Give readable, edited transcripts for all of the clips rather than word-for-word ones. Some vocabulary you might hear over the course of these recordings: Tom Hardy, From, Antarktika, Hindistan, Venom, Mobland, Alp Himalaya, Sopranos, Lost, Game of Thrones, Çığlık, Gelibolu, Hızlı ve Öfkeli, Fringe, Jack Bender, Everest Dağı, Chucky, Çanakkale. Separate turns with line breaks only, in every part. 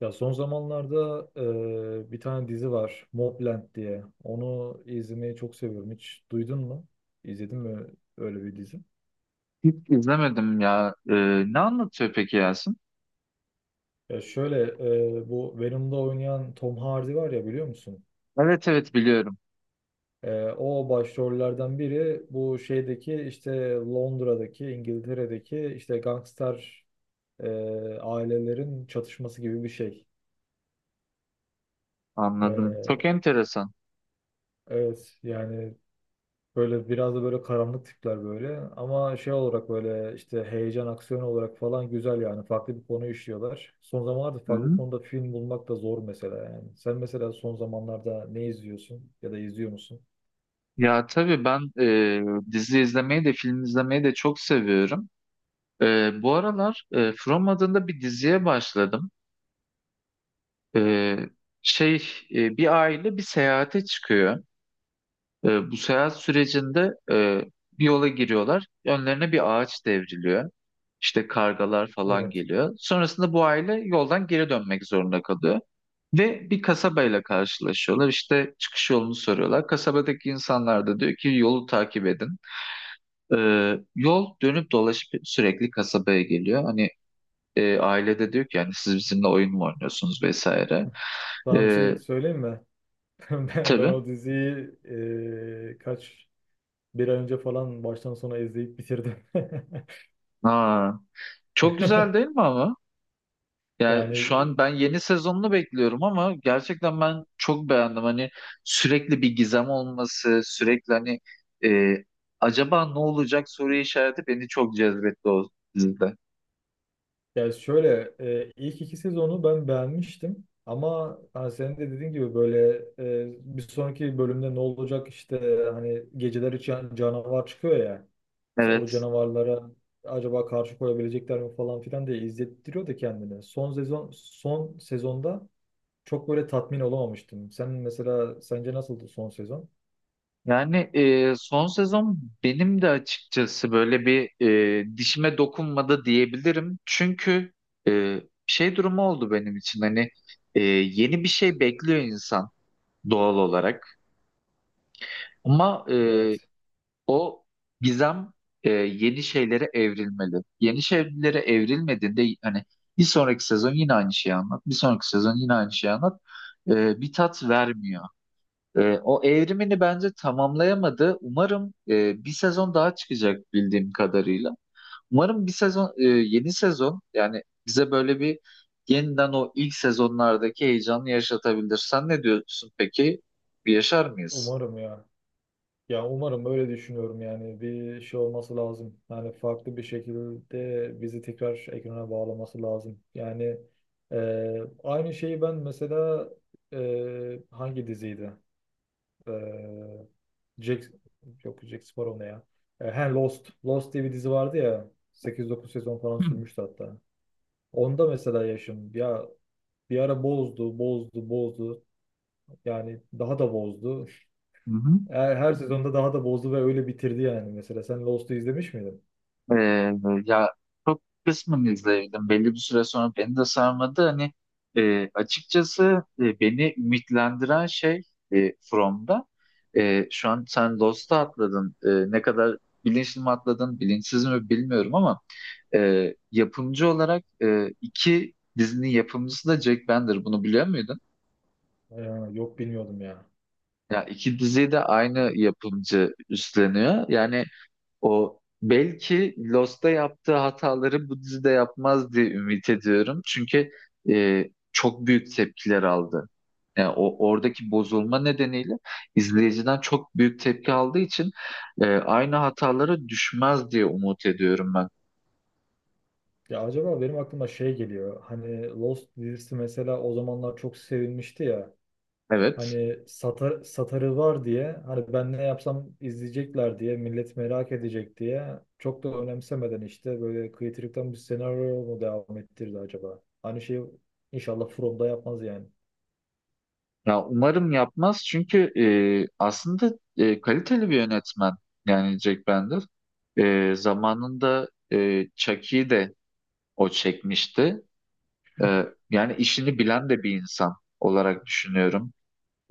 Ya son zamanlarda bir tane dizi var, Mobland diye. Onu izlemeyi çok seviyorum. Hiç duydun mu? İzledin mi öyle bir dizi?
Hiç izlemedim ya. Ne anlatıyor peki Yasin?
Ya şöyle bu Venom'da oynayan Tom Hardy var ya, biliyor musun?
Evet evet biliyorum.
E, o başrollerden biri bu şeydeki, işte Londra'daki, İngiltere'deki işte gangster e, ailelerin çatışması gibi bir şey.
Anladım. Çok
E,
enteresan.
evet yani. Böyle biraz da böyle karanlık tipler böyle. Ama şey olarak böyle işte heyecan, aksiyon olarak falan güzel yani. Farklı bir konu işliyorlar. Son zamanlarda
Hı
farklı
hı.
konuda film bulmak da zor mesela yani. Sen mesela son zamanlarda ne izliyorsun ya da izliyor musun?
Ya tabii ben dizi izlemeyi de film izlemeyi de çok seviyorum. Bu aralar From adında bir diziye başladım. E, şey, bir aile bir seyahate çıkıyor. Bu seyahat sürecinde bir yola giriyorlar. Önlerine bir ağaç devriliyor. İşte kargalar falan
Evet.
geliyor. Sonrasında bu aile yoldan geri dönmek zorunda kalıyor. Ve bir kasabayla karşılaşıyorlar. İşte çıkış yolunu soruyorlar. Kasabadaki insanlar da diyor ki yolu takip edin. Yol dönüp dolaşıp sürekli kasabaya geliyor. Hani ailede diyor ki yani siz bizimle oyun mu oynuyorsunuz vesaire.
Sana bir şey
Ee,
söyleyeyim mi? Ben
tabii.
o diziyi e, kaç bir ay önce falan baştan sona izleyip bitirdim.
Aa, çok güzel değil mi? Yani
Yani.
şu an ben yeni sezonunu bekliyorum ama gerçekten ben çok beğendim. Hani sürekli bir gizem olması, sürekli hani e, acaba ne olacak soru işareti beni çok cezbetti o dizide.
Ya şöyle, ilk iki sezonu ben beğenmiştim, ama hani senin de dediğin gibi böyle bir sonraki bölümde ne olacak, işte hani geceler için canavar çıkıyor ya, işte o
Evet.
canavarlara acaba karşı koyabilecekler mi falan filan diye izlettiriyor da kendini. Son sezonda çok böyle tatmin olamamıştım. Sen mesela sence nasıldı son sezon?
Yani son sezon benim de açıkçası böyle bir dişime dokunmadı diyebilirim. Çünkü e, şey durumu oldu benim için hani yeni bir şey bekliyor insan doğal olarak. Ama e,
Evet.
O gizem yeni şeylere evrilmeli. Yeni şeylere evrilmediğinde hani bir sonraki sezon yine aynı şeyi anlat. Bir sonraki sezon yine aynı şeyi anlat. Bir tat vermiyor. O evrimini bence tamamlayamadı. Umarım bir sezon daha çıkacak bildiğim kadarıyla. Umarım bir sezon yeni sezon yani bize böyle bir yeniden o ilk sezonlardaki heyecanı yaşatabilir. Sen ne diyorsun peki? Bir Yaşar mıyız?
Umarım ya. Ya umarım, öyle düşünüyorum yani, bir şey olması lazım. Yani farklı bir şekilde bizi tekrar ekrana bağlaması lazım. Yani e, aynı şeyi ben mesela. Hangi diziydi? E, Jack, yok Jack Sparrow ne ya? Lost. Lost diye bir dizi vardı ya. 8-9 sezon falan
Hı
sürmüştü hatta. Onda mesela yaşım ya, bir ara bozdu, bozdu, bozdu. Yani daha da bozdu.
hı.
Her sezonda daha da bozdu ve öyle bitirdi yani. Mesela sen Lost'u izlemiş miydin?
Ee, ya çok kısmen izleyebildim. Belli bir süre sonra beni de sarmadı. Hani açıkçası beni ümitlendiren şey From'da. Şu an sen Lost'a atladın. Ne kadar bilinçli mi atladın, bilinçsiz mi bilmiyorum ama yapımcı olarak iki dizinin yapımcısı da Jack Bender. Bunu biliyor muydun?
Ya, yok bilmiyordum ya.
Ya iki diziyi de aynı yapımcı üstleniyor. Yani o belki Lost'ta yaptığı hataları bu dizide yapmaz diye ümit ediyorum. Çünkü e, çok büyük tepkiler aldı. Yani o oradaki bozulma nedeniyle izleyiciden çok büyük tepki aldığı için aynı hatalara düşmez diye umut ediyorum ben.
Ya acaba benim aklıma şey geliyor. Hani Lost dizisi mesela o zamanlar çok sevilmişti ya.
Evet.
Hani satar, satarı var diye, hani ben ne yapsam izleyecekler diye, millet merak edecek diye, çok da önemsemeden işte böyle kıytırıktan bir senaryo mu devam ettirdi acaba? Aynı şeyi inşallah From'da yapmaz yani.
Ya umarım yapmaz çünkü aslında kaliteli bir yönetmen yani Jack Bender. Zamanında Chucky'yi de o çekmişti. Yani işini bilen de bir insan olarak düşünüyorum.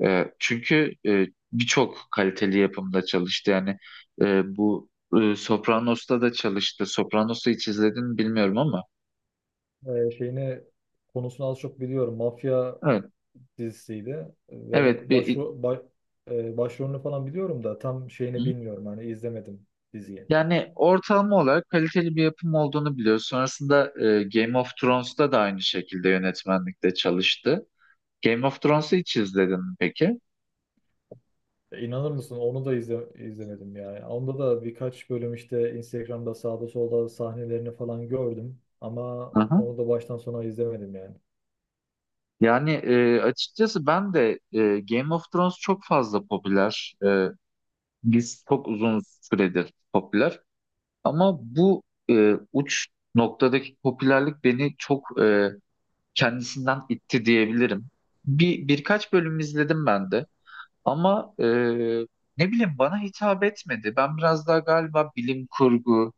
Çünkü birçok kaliteli yapımda çalıştı. Yani bu Sopranos'ta da çalıştı. Sopranos'u hiç izledin mi bilmiyorum ama.
Şeyini, konusunu az çok biliyorum. Mafya
Evet,
dizisiydi ve
evet bir.
başrolünü falan biliyorum da tam
Hı?
şeyini bilmiyorum, hani izlemedim diziyi.
Yani ortalama olarak kaliteli bir yapım olduğunu biliyoruz. Sonrasında Game of Thrones'ta da aynı şekilde yönetmenlikte çalıştı. Game of Thrones'u hiç izledin mi peki?
E, İnanır mısın, onu da izlemedim yani. Onda da birkaç bölüm işte Instagram'da sağda solda sahnelerini falan gördüm, ama
Hı hı.
onu da baştan sona izlemedim yani.
Yani açıkçası ben de Game of Thrones çok fazla popüler. Biz çok uzun süredir popüler. Ama bu uç noktadaki popülerlik beni çok kendisinden itti diyebilirim. Birkaç bölüm izledim ben de. Ama ne bileyim bana hitap etmedi. Ben biraz daha galiba bilim kurgu,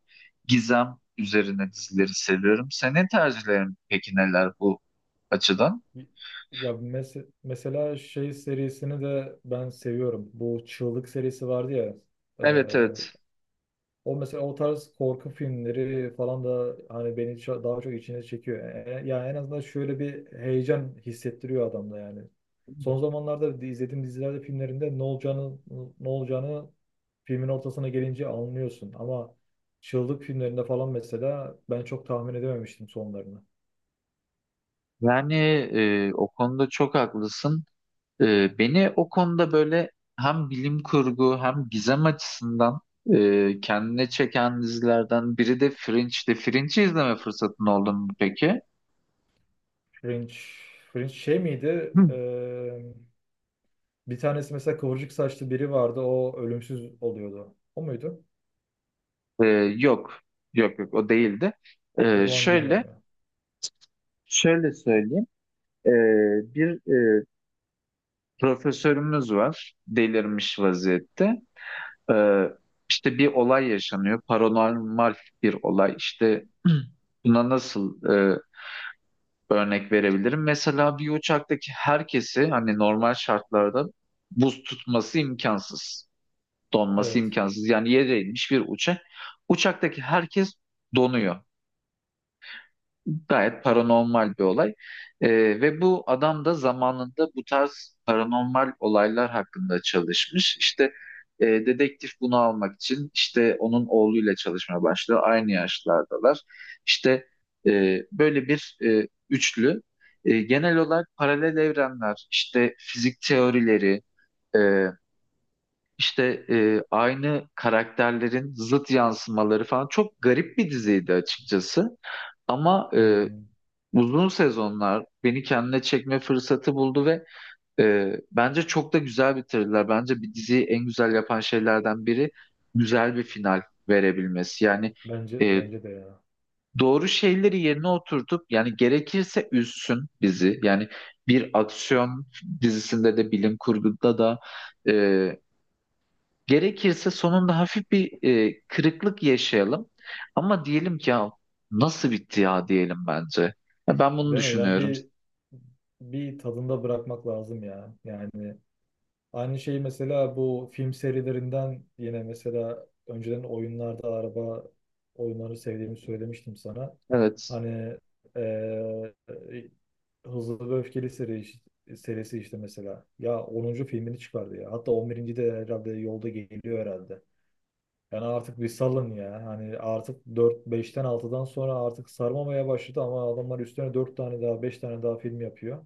gizem üzerine dizileri seviyorum. Senin tercihlerin peki neler bu açıdan?
Mesela şey serisini de ben seviyorum. Bu Çığlık serisi vardı ya. e,
Evet evet.
O mesela, o tarz korku filmleri falan da hani beni daha çok içine çekiyor. Yani en azından şöyle bir heyecan hissettiriyor adamda yani. Son zamanlarda izlediğim dizilerde, filmlerinde ne olacağını filmin ortasına gelince anlıyorsun. Ama Çığlık filmlerinde falan mesela ben çok tahmin edememiştim sonlarını.
Yani o konuda çok haklısın. Beni o konuda böyle hem bilim kurgu hem gizem açısından kendine çeken dizilerden biri de Fringe'ti. Fringe'i izleme fırsatın oldu mu peki?
Fringe, Fringe şey miydi?
Hı.
Bir tanesi mesela kıvırcık saçlı biri vardı. O ölümsüz oluyordu. O muydu?
E, yok. Yok yok o değildi.
O
E,
zaman
şöyle
bilmiyorum ya.
şöyle söyleyeyim. E, bir e, profesörümüz var. Delirmiş vaziyette. Ee, işte bir olay yaşanıyor. Paranormal bir olay. İşte buna nasıl örnek verebilirim? Mesela bir uçaktaki herkesi hani normal şartlarda buz tutması imkansız. Donması
Evet.
imkansız. Yani yere inmiş bir uçak. Uçaktaki herkes donuyor. Gayet paranormal bir olay. Ee, ve bu adam da zamanında bu tarz paranormal olaylar hakkında çalışmış. İşte dedektif bunu almak için işte onun oğluyla çalışmaya başlıyor. Aynı yaşlardalar. İşte e, böyle bir üçlü. Genel olarak paralel evrenler, işte fizik teorileri, e, işte aynı karakterlerin zıt yansımaları falan çok garip bir diziydi açıkçası. Ama e,
Hmm.
Uzun sezonlar beni kendine çekme fırsatı buldu ve bence çok da güzel bitirdiler. Bence bir diziyi en güzel yapan şeylerden biri güzel bir final verebilmesi. Yani e,
Bence de ya.
doğru şeyleri yerine oturtup yani gerekirse üzsün bizi. Yani bir aksiyon dizisinde de bilim kurguda da e, gerekirse sonunda hafif bir kırıklık yaşayalım. Ama diyelim ki ya nasıl bitti ya diyelim bence. Ya ben bunu
Değil mi?
düşünüyorum.
Bir tadında bırakmak lazım ya. Yani aynı şeyi mesela bu film serilerinden, yine mesela önceden oyunlarda araba oyunları sevdiğimi söylemiştim sana.
Evet.
Hani eee Hızlı ve Öfkeli serisi işte mesela. Ya onuncu filmini çıkardı ya. Hatta 11. de herhalde yolda geliyor herhalde. Yani artık bir salın ya. Hani artık dört beşten altıdan sonra artık sarmamaya başladı, ama adamlar üstüne 4 tane daha, 5 tane daha film yapıyor.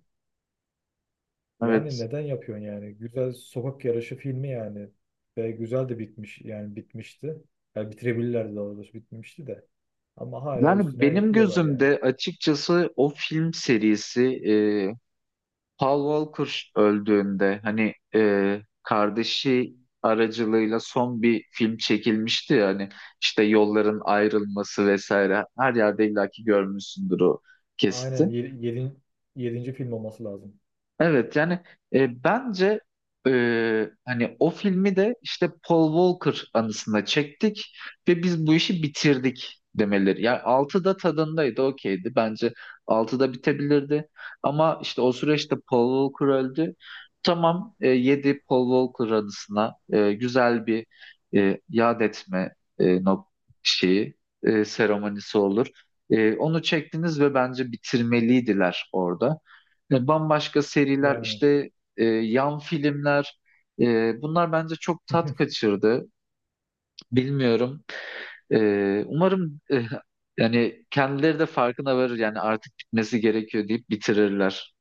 Yani
Evet.
neden yapıyorsun yani? Güzel sokak yarışı filmi yani. Ve güzel de bitmiş yani, bitmişti. Yani bitirebilirlerdi, daha doğrusu bitmişti de. Ama hala
Yani
üstüne
benim
ekliyorlar yani.
gözümde açıkçası o film serisi Paul Walker öldüğünde hani kardeşi aracılığıyla son bir film çekilmişti ya hani işte yolların ayrılması vesaire her yerde illaki görmüşsündür o
Aynen
kesiti.
7. yedinci film olması lazım.
Evet yani bence hani o filmi de işte Paul Walker anısına çektik ve biz bu işi bitirdik demeleri. Yani 6'da tadındaydı okeydi bence 6'da bitebilirdi ama işte o süreçte Paul Walker öldü. Tamam 7 Paul Walker anısına güzel bir yad etme şeyi seremonisi olur. Onu çektiniz ve bence bitirmeliydiler orada. Bambaşka seriler
Yani.
işte yan filmler bunlar bence çok tat kaçırdı. Bilmiyorum. Umarım yani kendileri de farkına varır yani artık bitmesi gerekiyor deyip bitirirler.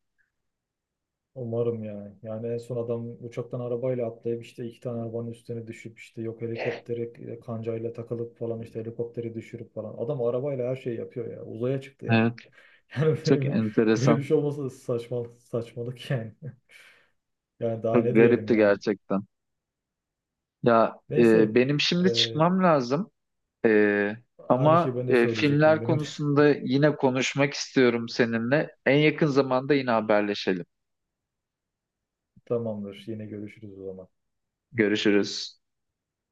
Umarım yani. Yani en son adam uçaktan arabayla atlayıp işte iki tane arabanın üstüne düşüp, işte yok helikoptere kancayla takılıp falan, işte helikopteri düşürüp falan. Adam arabayla her şeyi yapıyor ya. Uzaya çıktı ya.
Evet,
Yani
çok
böyle bir, böyle bir
enteresan.
şey olmasa saçmalık, saçmalık yani. Yani daha
Çok
ne diyelim
garipti
yani.
gerçekten. Ya
Neyse
benim şimdi
e,
çıkmam lazım. E,
aynı şeyi
ama
ben de söyleyecektim.
filmler
Benim de.
konusunda yine konuşmak istiyorum seninle. En yakın zamanda yine haberleşelim.
Tamamdır. Yine görüşürüz o zaman.
Görüşürüz.